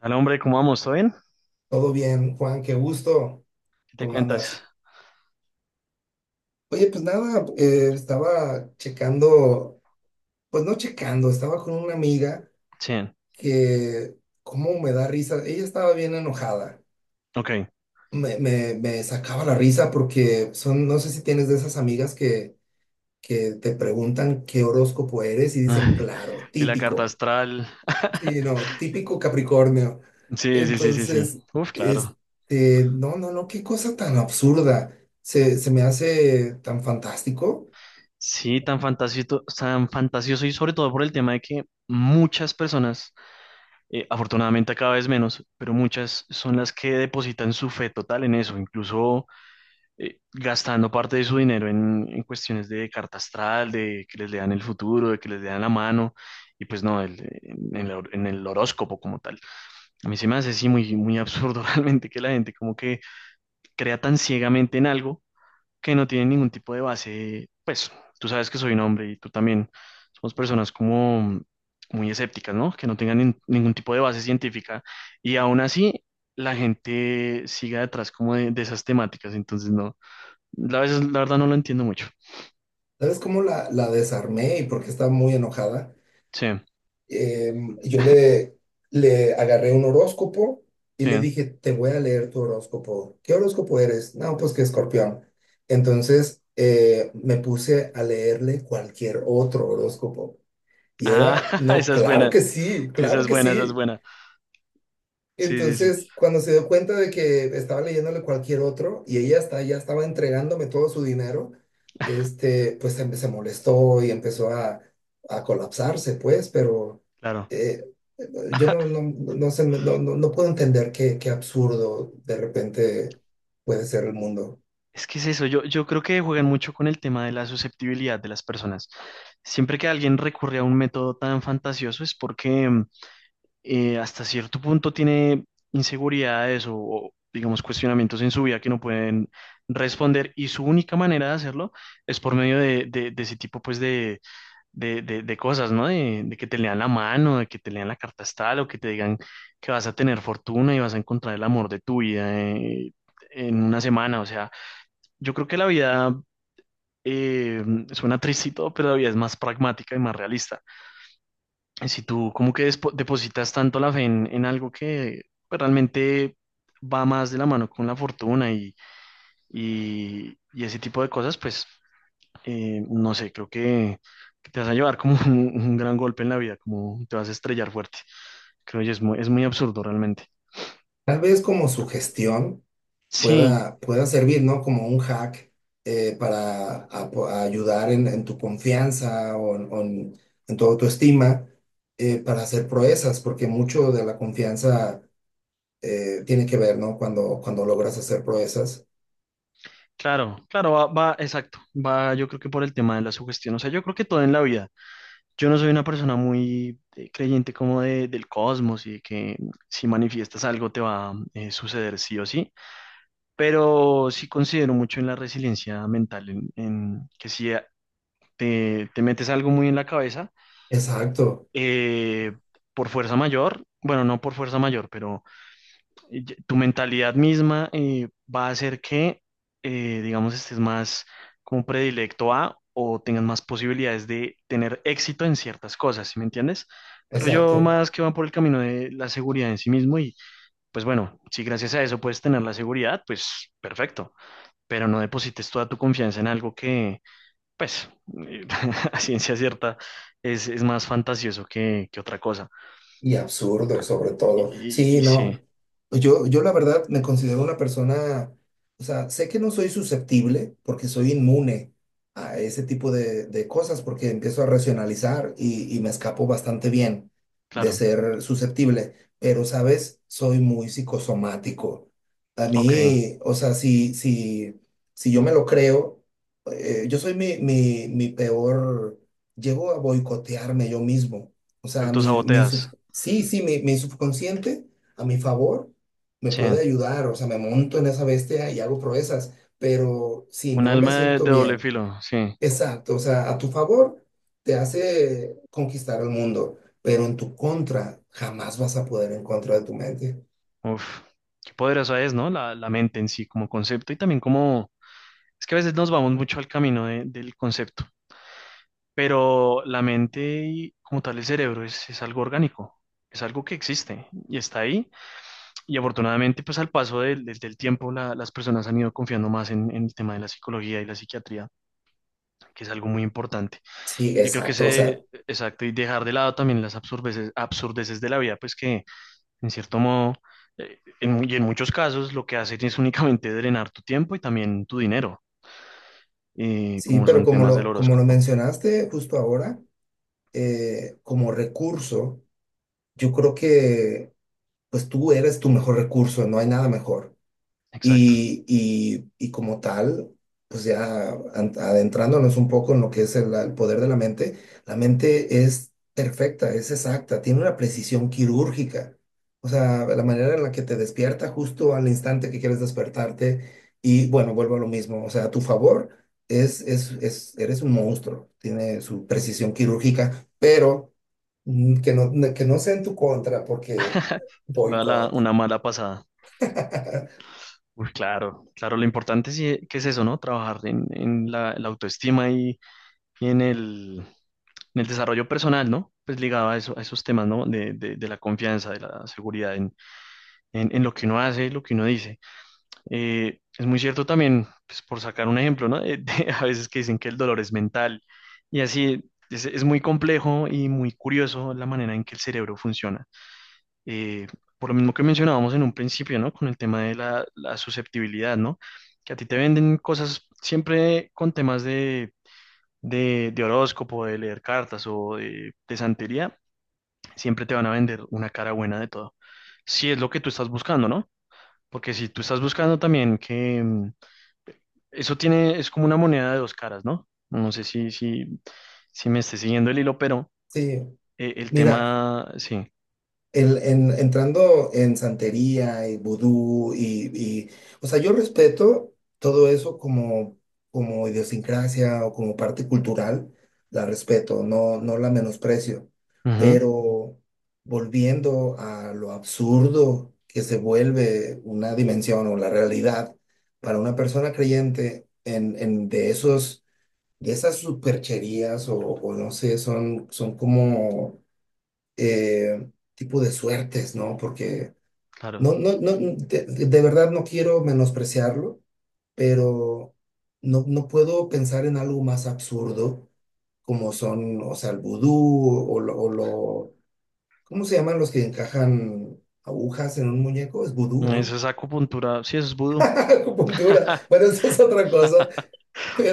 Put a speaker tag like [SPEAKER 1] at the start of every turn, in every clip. [SPEAKER 1] Al hombre, ¿cómo vamos? ¿Todo bien?
[SPEAKER 2] Todo bien, Juan, qué gusto.
[SPEAKER 1] ¿Qué te
[SPEAKER 2] ¿Cómo
[SPEAKER 1] cuentas?
[SPEAKER 2] andas? Oye, pues nada, estaba checando, pues no checando, estaba con una amiga
[SPEAKER 1] Sí,
[SPEAKER 2] que, cómo me da risa, ella estaba bien enojada,
[SPEAKER 1] ok.
[SPEAKER 2] me sacaba la risa porque son, no sé si tienes de esas amigas que te preguntan qué horóscopo eres y dicen,
[SPEAKER 1] Ay,
[SPEAKER 2] claro,
[SPEAKER 1] y la carta
[SPEAKER 2] típico.
[SPEAKER 1] astral.
[SPEAKER 2] Sí, no, típico Capricornio.
[SPEAKER 1] Sí, sí, sí, sí, sí.
[SPEAKER 2] Entonces,
[SPEAKER 1] Uf, claro.
[SPEAKER 2] este, no, no, no, qué cosa tan absurda. Se me hace tan fantástico.
[SPEAKER 1] Sí, tan fantasioso y sobre todo por el tema de que muchas personas, afortunadamente cada vez menos, pero muchas son las que depositan su fe total en eso, incluso gastando parte de su dinero en cuestiones de carta astral, de que les lean el futuro, de que les lean la mano, y pues no, en el horóscopo como tal. A mí se me hace así muy, muy absurdo realmente que la gente como que crea tan ciegamente en algo que no tiene ningún tipo de base. Pues tú sabes que soy un hombre y tú también. Somos personas como muy escépticas, ¿no? Que no tengan ningún tipo de base científica y aún así la gente siga detrás como de esas temáticas. Entonces, no, la, veces, la verdad no lo entiendo mucho.
[SPEAKER 2] ¿Sabes cómo la desarmé y por qué estaba muy enojada?
[SPEAKER 1] Sí,
[SPEAKER 2] Yo le agarré un horóscopo y le
[SPEAKER 1] sí.
[SPEAKER 2] dije, te voy a leer tu horóscopo. ¿Qué horóscopo eres? No, pues que Escorpión. Entonces, me puse a leerle cualquier otro horóscopo. Y
[SPEAKER 1] Ah,
[SPEAKER 2] era, no,
[SPEAKER 1] esa es
[SPEAKER 2] claro
[SPEAKER 1] buena,
[SPEAKER 2] que sí,
[SPEAKER 1] esa
[SPEAKER 2] claro
[SPEAKER 1] es
[SPEAKER 2] que
[SPEAKER 1] buena, esa es
[SPEAKER 2] sí.
[SPEAKER 1] buena. Sí, sí, sí,
[SPEAKER 2] Entonces, cuando se dio cuenta de que estaba leyéndole cualquier otro y ella está, ya estaba entregándome todo su dinero, este, pues se molestó y empezó a colapsarse, pues, pero
[SPEAKER 1] claro.
[SPEAKER 2] eh, yo no sé, no puedo entender qué absurdo de repente puede ser el mundo.
[SPEAKER 1] Es que es eso, yo creo que juegan mucho con el tema de la susceptibilidad de las personas. Siempre que alguien recurre a un método tan fantasioso es porque hasta cierto punto tiene inseguridades o, digamos, cuestionamientos en su vida que no pueden responder y su única manera de hacerlo es por medio de, de ese tipo pues de, de cosas, ¿no? De que te lean la mano, de que te lean la carta astral o que te digan que vas a tener fortuna y vas a encontrar el amor de tu vida en una semana, o sea. Yo creo que la vida eh, suena triste y todo, pero la vida es más pragmática y más realista. Y si tú como que depositas tanto la fe en algo que pues, realmente va más de la mano con la fortuna y ese tipo de cosas, pues no sé, creo que te vas a llevar como un gran golpe en la vida, como te vas a estrellar fuerte. Creo que es muy absurdo realmente.
[SPEAKER 2] Tal vez como sugestión
[SPEAKER 1] Sí,
[SPEAKER 2] pueda servir, ¿no? Como un hack, para a ayudar en tu confianza en tu autoestima, para hacer proezas, porque mucho de la confianza, tiene que ver, ¿no? Cuando logras hacer proezas.
[SPEAKER 1] claro, claro, va, va, exacto, va yo creo que por el tema de la sugestión, o sea, yo creo que todo en la vida. Yo no soy una persona muy creyente como de, del cosmos y de que si manifiestas algo te va a suceder sí o sí, pero sí considero mucho en la resiliencia mental, en que si te, te metes algo muy en la cabeza,
[SPEAKER 2] Exacto,
[SPEAKER 1] eh, por fuerza mayor, bueno, no por fuerza mayor, pero tu mentalidad misma va a hacer que, digamos, estés más como predilecto a o tengas más posibilidades de tener éxito en ciertas cosas, ¿sí me entiendes? Creo yo
[SPEAKER 2] exacto.
[SPEAKER 1] más que van por el camino de la seguridad en sí mismo y pues bueno, si gracias a eso puedes tener la seguridad, pues perfecto, pero no deposites toda tu confianza en algo que, pues, a ciencia cierta es más fantasioso que otra cosa.
[SPEAKER 2] Y absurdo, sobre
[SPEAKER 1] Y,
[SPEAKER 2] todo.
[SPEAKER 1] y,
[SPEAKER 2] Sí,
[SPEAKER 1] y sí,
[SPEAKER 2] no. Yo la verdad me considero una persona, o sea, sé que no soy susceptible porque soy inmune a ese tipo de cosas porque empiezo a racionalizar y me escapo bastante bien de
[SPEAKER 1] claro,
[SPEAKER 2] ser susceptible, pero, ¿sabes? Soy muy psicosomático. A
[SPEAKER 1] ok,
[SPEAKER 2] mí, o sea, si, si yo me lo creo, yo soy mi peor, llego a boicotearme yo mismo. O
[SPEAKER 1] te
[SPEAKER 2] sea,
[SPEAKER 1] autosaboteas.
[SPEAKER 2] sí, sí, mi subconsciente a mi favor me
[SPEAKER 1] Sí.
[SPEAKER 2] puede ayudar, o sea, me monto en esa bestia y hago proezas, pero si
[SPEAKER 1] Un
[SPEAKER 2] no me
[SPEAKER 1] alma
[SPEAKER 2] siento
[SPEAKER 1] de doble
[SPEAKER 2] bien,
[SPEAKER 1] filo, sí.
[SPEAKER 2] exacto, o sea, a tu favor te hace conquistar el mundo, pero en tu contra jamás vas a poder en contra de tu mente.
[SPEAKER 1] Uf, qué poderosa es, ¿no? La mente en sí, como concepto y también como… Es que a veces nos vamos mucho al camino del concepto, pero la mente y como tal el cerebro es algo orgánico, es algo que existe y está ahí. Y afortunadamente, pues al paso del, del tiempo, las personas han ido confiando más en el tema de la psicología y la psiquiatría, que es algo muy importante.
[SPEAKER 2] Sí,
[SPEAKER 1] Y creo que
[SPEAKER 2] exacto, o sea,
[SPEAKER 1] ese, exacto, y dejar de lado también las absurdeces, absurdeces de la vida, pues que en cierto modo, y en muchos casos lo que hacen es únicamente drenar tu tiempo y también tu dinero,
[SPEAKER 2] sí,
[SPEAKER 1] como
[SPEAKER 2] pero
[SPEAKER 1] son
[SPEAKER 2] como
[SPEAKER 1] temas del
[SPEAKER 2] lo, como lo
[SPEAKER 1] horóscopo.
[SPEAKER 2] mencionaste justo ahora, como recurso, yo creo que pues tú eres tu mejor recurso, no hay nada mejor.
[SPEAKER 1] Exacto.
[SPEAKER 2] Y como tal, pues ya adentrándonos un poco en lo que es el poder de la mente es perfecta, es exacta, tiene una precisión quirúrgica. O sea, la manera en la que te despierta justo al instante que quieres despertarte. Y bueno, vuelvo a lo mismo. O sea, a tu favor, eres un monstruo, tiene su precisión quirúrgica, pero que no sea en tu contra, porque
[SPEAKER 1] Te voy a dar
[SPEAKER 2] boicot.
[SPEAKER 1] una mala pasada. Uy, claro, claro, lo importante sí que es eso, ¿no? Trabajar en la, la autoestima y en el desarrollo personal, ¿no? Pues ligado a, eso, a esos temas, ¿no? De, de la confianza, de la seguridad en lo que uno hace, y lo que uno dice. Es muy cierto también, pues, por sacar un ejemplo, ¿no? De a veces que dicen que el dolor es mental y así es muy complejo y muy curioso la manera en que el cerebro funciona. Eh, por lo mismo que mencionábamos en un principio, ¿no? Con el tema de la, la susceptibilidad, ¿no? Que a ti te venden cosas siempre con temas de horóscopo, de leer cartas o de santería, siempre te van a vender una cara buena de todo. Si es lo que tú estás buscando, ¿no? Porque si tú estás buscando también que… mm, eso tiene, es como una moneda de dos caras, ¿no? No sé si, si, si me esté siguiendo el hilo, pero
[SPEAKER 2] Sí,
[SPEAKER 1] el
[SPEAKER 2] mira,
[SPEAKER 1] tema, sí,
[SPEAKER 2] entrando en santería y vudú o sea, yo respeto todo eso como, como idiosincrasia o como parte cultural, la respeto, no la menosprecio,
[SPEAKER 1] ujú,
[SPEAKER 2] pero volviendo a lo absurdo que se vuelve una dimensión o la realidad para una persona creyente en de esos, de esas supercherías o no sé, son como, eh, tipo de suertes, ¿no? Porque
[SPEAKER 1] claro.
[SPEAKER 2] no, de verdad no quiero menospreciarlo, pero no puedo pensar en algo más absurdo como son, o sea, el vudú ¿cómo se llaman los que encajan agujas en un muñeco? Es vudú,
[SPEAKER 1] Eso
[SPEAKER 2] ¿no?
[SPEAKER 1] es acupuntura, sí, eso es vudú.
[SPEAKER 2] Acupuntura. Bueno, eso es otra cosa,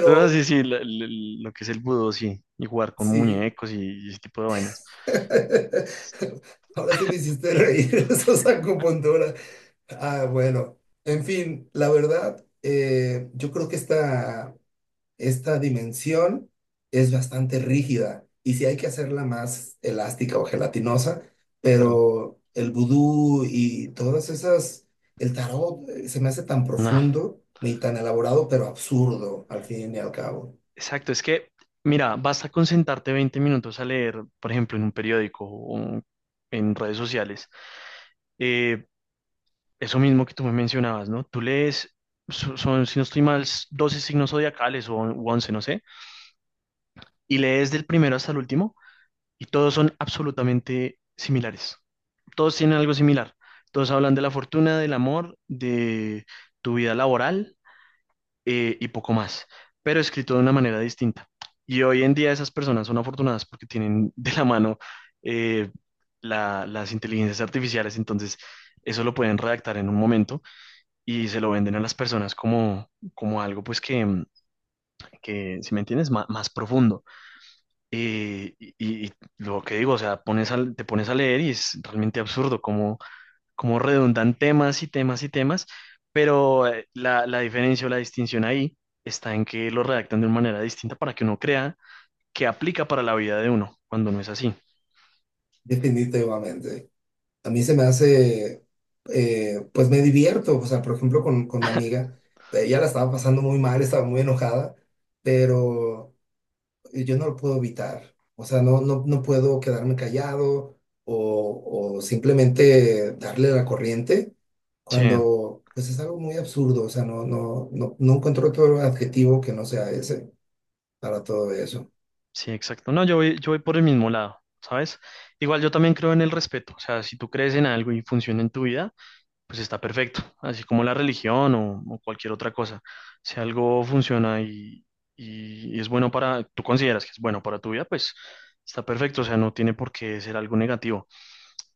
[SPEAKER 1] Pero no, sí, sí, lo, lo que es el vudú, sí, y jugar con
[SPEAKER 2] sí.
[SPEAKER 1] muñecos y ese tipo de vainas.
[SPEAKER 2] Ahora sí me hiciste reír, eso es acupuntura. Ah, bueno, en fin, la verdad, yo creo que esta dimensión es bastante rígida y sí hay que hacerla más elástica o gelatinosa,
[SPEAKER 1] Claro,
[SPEAKER 2] pero el vudú y todas esas, el tarot, se me hace tan
[SPEAKER 1] no,
[SPEAKER 2] profundo ni tan elaborado, pero absurdo al fin y al cabo,
[SPEAKER 1] exacto, es que, mira, basta con sentarte 20 minutos a leer, por ejemplo, en un periódico o en redes sociales, eh, eso mismo que tú me mencionabas, ¿no? Tú lees, son, si no estoy mal, 12 signos zodiacales o u 11, no sé, y lees del primero hasta el último y todos son absolutamente similares. Todos tienen algo similar. Todos hablan de la fortuna, del amor, de tu vida laboral y poco más, pero escrito de una manera distinta. Y hoy en día esas personas son afortunadas porque tienen de la mano eh, las inteligencias artificiales, entonces eso lo pueden redactar en un momento y se lo venden a las personas como, como algo, pues que, mm, que, si me entiendes, más, más profundo. Y lo que digo, o sea, te pones a leer y es realmente absurdo cómo, cómo redundan temas y temas y temas, pero la, la diferencia o la distinción ahí está en que lo redactan de una manera distinta para que uno crea que aplica para la vida de uno, cuando no es así.
[SPEAKER 2] definitivamente. A mí se me hace, pues me divierto, o sea, por ejemplo, con mi amiga, ella la estaba pasando muy mal, estaba muy enojada, pero yo no lo puedo evitar, o sea, no puedo quedarme callado o simplemente darle la corriente
[SPEAKER 1] Sí,
[SPEAKER 2] cuando, pues es algo muy absurdo, o sea, no encuentro otro adjetivo que no sea ese para todo eso.
[SPEAKER 1] sí, exacto. No, yo voy por el mismo lado, ¿sabes? Igual yo también creo en el respeto, o sea, si tú crees en algo y funciona en tu vida, pues está perfecto, así como la religión o cualquier otra cosa. Si algo funciona y es bueno para, tú consideras que es bueno para tu vida, pues está perfecto, o sea, no tiene por qué ser algo negativo.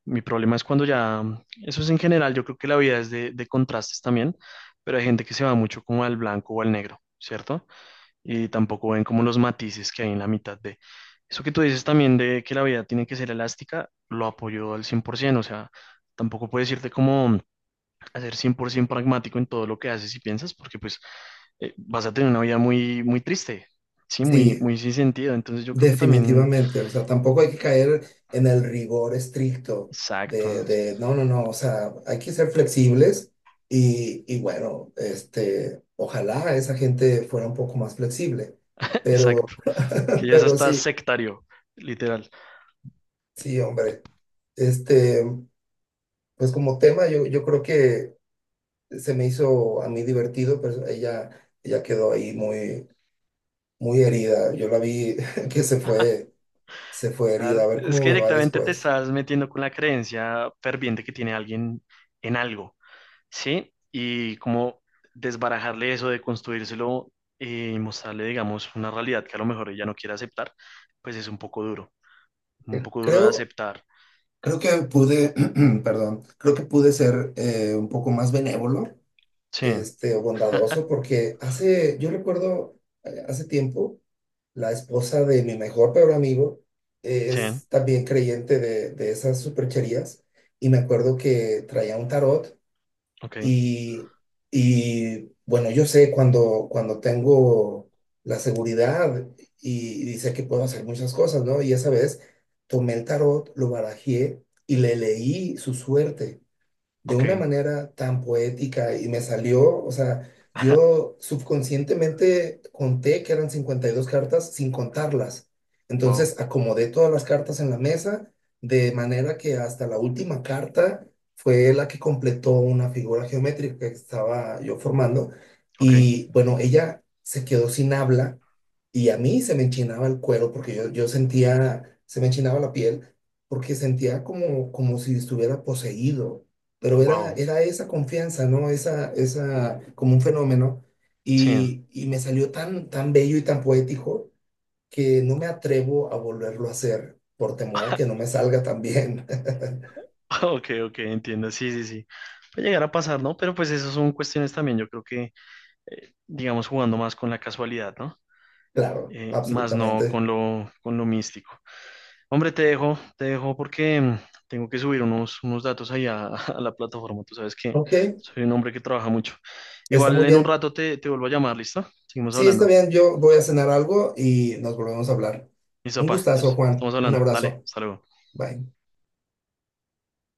[SPEAKER 1] Mi problema es cuando ya, eso es en general, yo creo que la vida es de contrastes también, pero hay gente que se va mucho como al blanco o al negro, ¿cierto? Y tampoco ven como los matices que hay en la mitad de… Eso que tú dices también de que la vida tiene que ser elástica, lo apoyo al 100%, o sea, tampoco puedes irte como a ser 100% pragmático en todo lo que haces y piensas, porque pues vas a tener una vida muy, muy triste, sí, muy,
[SPEAKER 2] Sí,
[SPEAKER 1] muy sin sentido. Entonces yo creo que también,
[SPEAKER 2] definitivamente, o sea, tampoco hay que caer en el rigor estricto
[SPEAKER 1] exacto, ¿no?
[SPEAKER 2] de no, no, no, o sea, hay que ser flexibles y bueno, este, ojalá esa gente fuera un poco más flexible,
[SPEAKER 1] Exacto,
[SPEAKER 2] pero,
[SPEAKER 1] que ya es
[SPEAKER 2] pero
[SPEAKER 1] hasta
[SPEAKER 2] sí,
[SPEAKER 1] sectario, literal.
[SPEAKER 2] sí, hombre, este, pues como tema yo creo que se me hizo a mí divertido, pero ella quedó ahí muy, muy herida, yo la vi que se fue herida, a
[SPEAKER 1] Claro.
[SPEAKER 2] ver
[SPEAKER 1] Es
[SPEAKER 2] cómo
[SPEAKER 1] que
[SPEAKER 2] me va
[SPEAKER 1] directamente te
[SPEAKER 2] después.
[SPEAKER 1] estás metiendo con la creencia ferviente que tiene alguien en algo, sí, y como desbarajarle eso, de construírselo y mostrarle, digamos, una realidad que a lo mejor ella no quiere aceptar, pues es un poco duro de
[SPEAKER 2] Creo.
[SPEAKER 1] aceptar.
[SPEAKER 2] Creo que pude, perdón, creo que pude ser, un poco más benévolo,
[SPEAKER 1] Sí,
[SPEAKER 2] este, o bondadoso, porque hace, yo recuerdo, hace tiempo, la esposa de mi mejor peor amigo,
[SPEAKER 1] sí,
[SPEAKER 2] es también creyente de esas supercherías, y me acuerdo que traía un tarot
[SPEAKER 1] ok,
[SPEAKER 2] y, bueno, yo sé cuando tengo la seguridad y sé que puedo hacer muchas cosas, ¿no? Y esa vez tomé el tarot, lo barajé y le leí su suerte de una
[SPEAKER 1] ok,
[SPEAKER 2] manera tan poética y me salió, o sea, yo subconscientemente conté que eran 52 cartas sin contarlas.
[SPEAKER 1] wow,
[SPEAKER 2] Entonces acomodé todas las cartas en la mesa de manera que hasta la última carta fue la que completó una figura geométrica que estaba yo formando.
[SPEAKER 1] ok,
[SPEAKER 2] Y bueno, ella se quedó sin habla y a mí se me enchinaba el cuero porque yo sentía, se me enchinaba la piel porque sentía como, como si estuviera poseído, pero era,
[SPEAKER 1] wow,
[SPEAKER 2] era esa confianza, ¿no? Como un fenómeno.
[SPEAKER 1] sí,
[SPEAKER 2] Y me salió tan, tan bello y tan poético que no me atrevo a volverlo a hacer por temor a que no me salga tan bien.
[SPEAKER 1] ok, ok, entiendo, sí, sí, sí. Puede llegar a pasar, ¿no? Pero pues esas son cuestiones también, yo creo que, digamos, jugando más con la casualidad, ¿no?
[SPEAKER 2] Claro,
[SPEAKER 1] Más no
[SPEAKER 2] absolutamente.
[SPEAKER 1] con lo, con lo místico. Hombre, te dejo porque tengo que subir unos, unos datos ahí a, a la plataforma, tú sabes que
[SPEAKER 2] Ok,
[SPEAKER 1] soy un hombre que trabaja mucho.
[SPEAKER 2] está
[SPEAKER 1] Igual
[SPEAKER 2] muy
[SPEAKER 1] en un
[SPEAKER 2] bien.
[SPEAKER 1] rato te, te vuelvo a llamar, ¿listo? Seguimos
[SPEAKER 2] Sí, está
[SPEAKER 1] hablando.
[SPEAKER 2] bien, yo voy a cenar algo y nos volvemos a hablar.
[SPEAKER 1] Listo,
[SPEAKER 2] Un
[SPEAKER 1] pa,
[SPEAKER 2] gustazo,
[SPEAKER 1] entonces, estamos
[SPEAKER 2] Juan. Un
[SPEAKER 1] hablando, dale,
[SPEAKER 2] abrazo.
[SPEAKER 1] hasta luego.
[SPEAKER 2] Bye.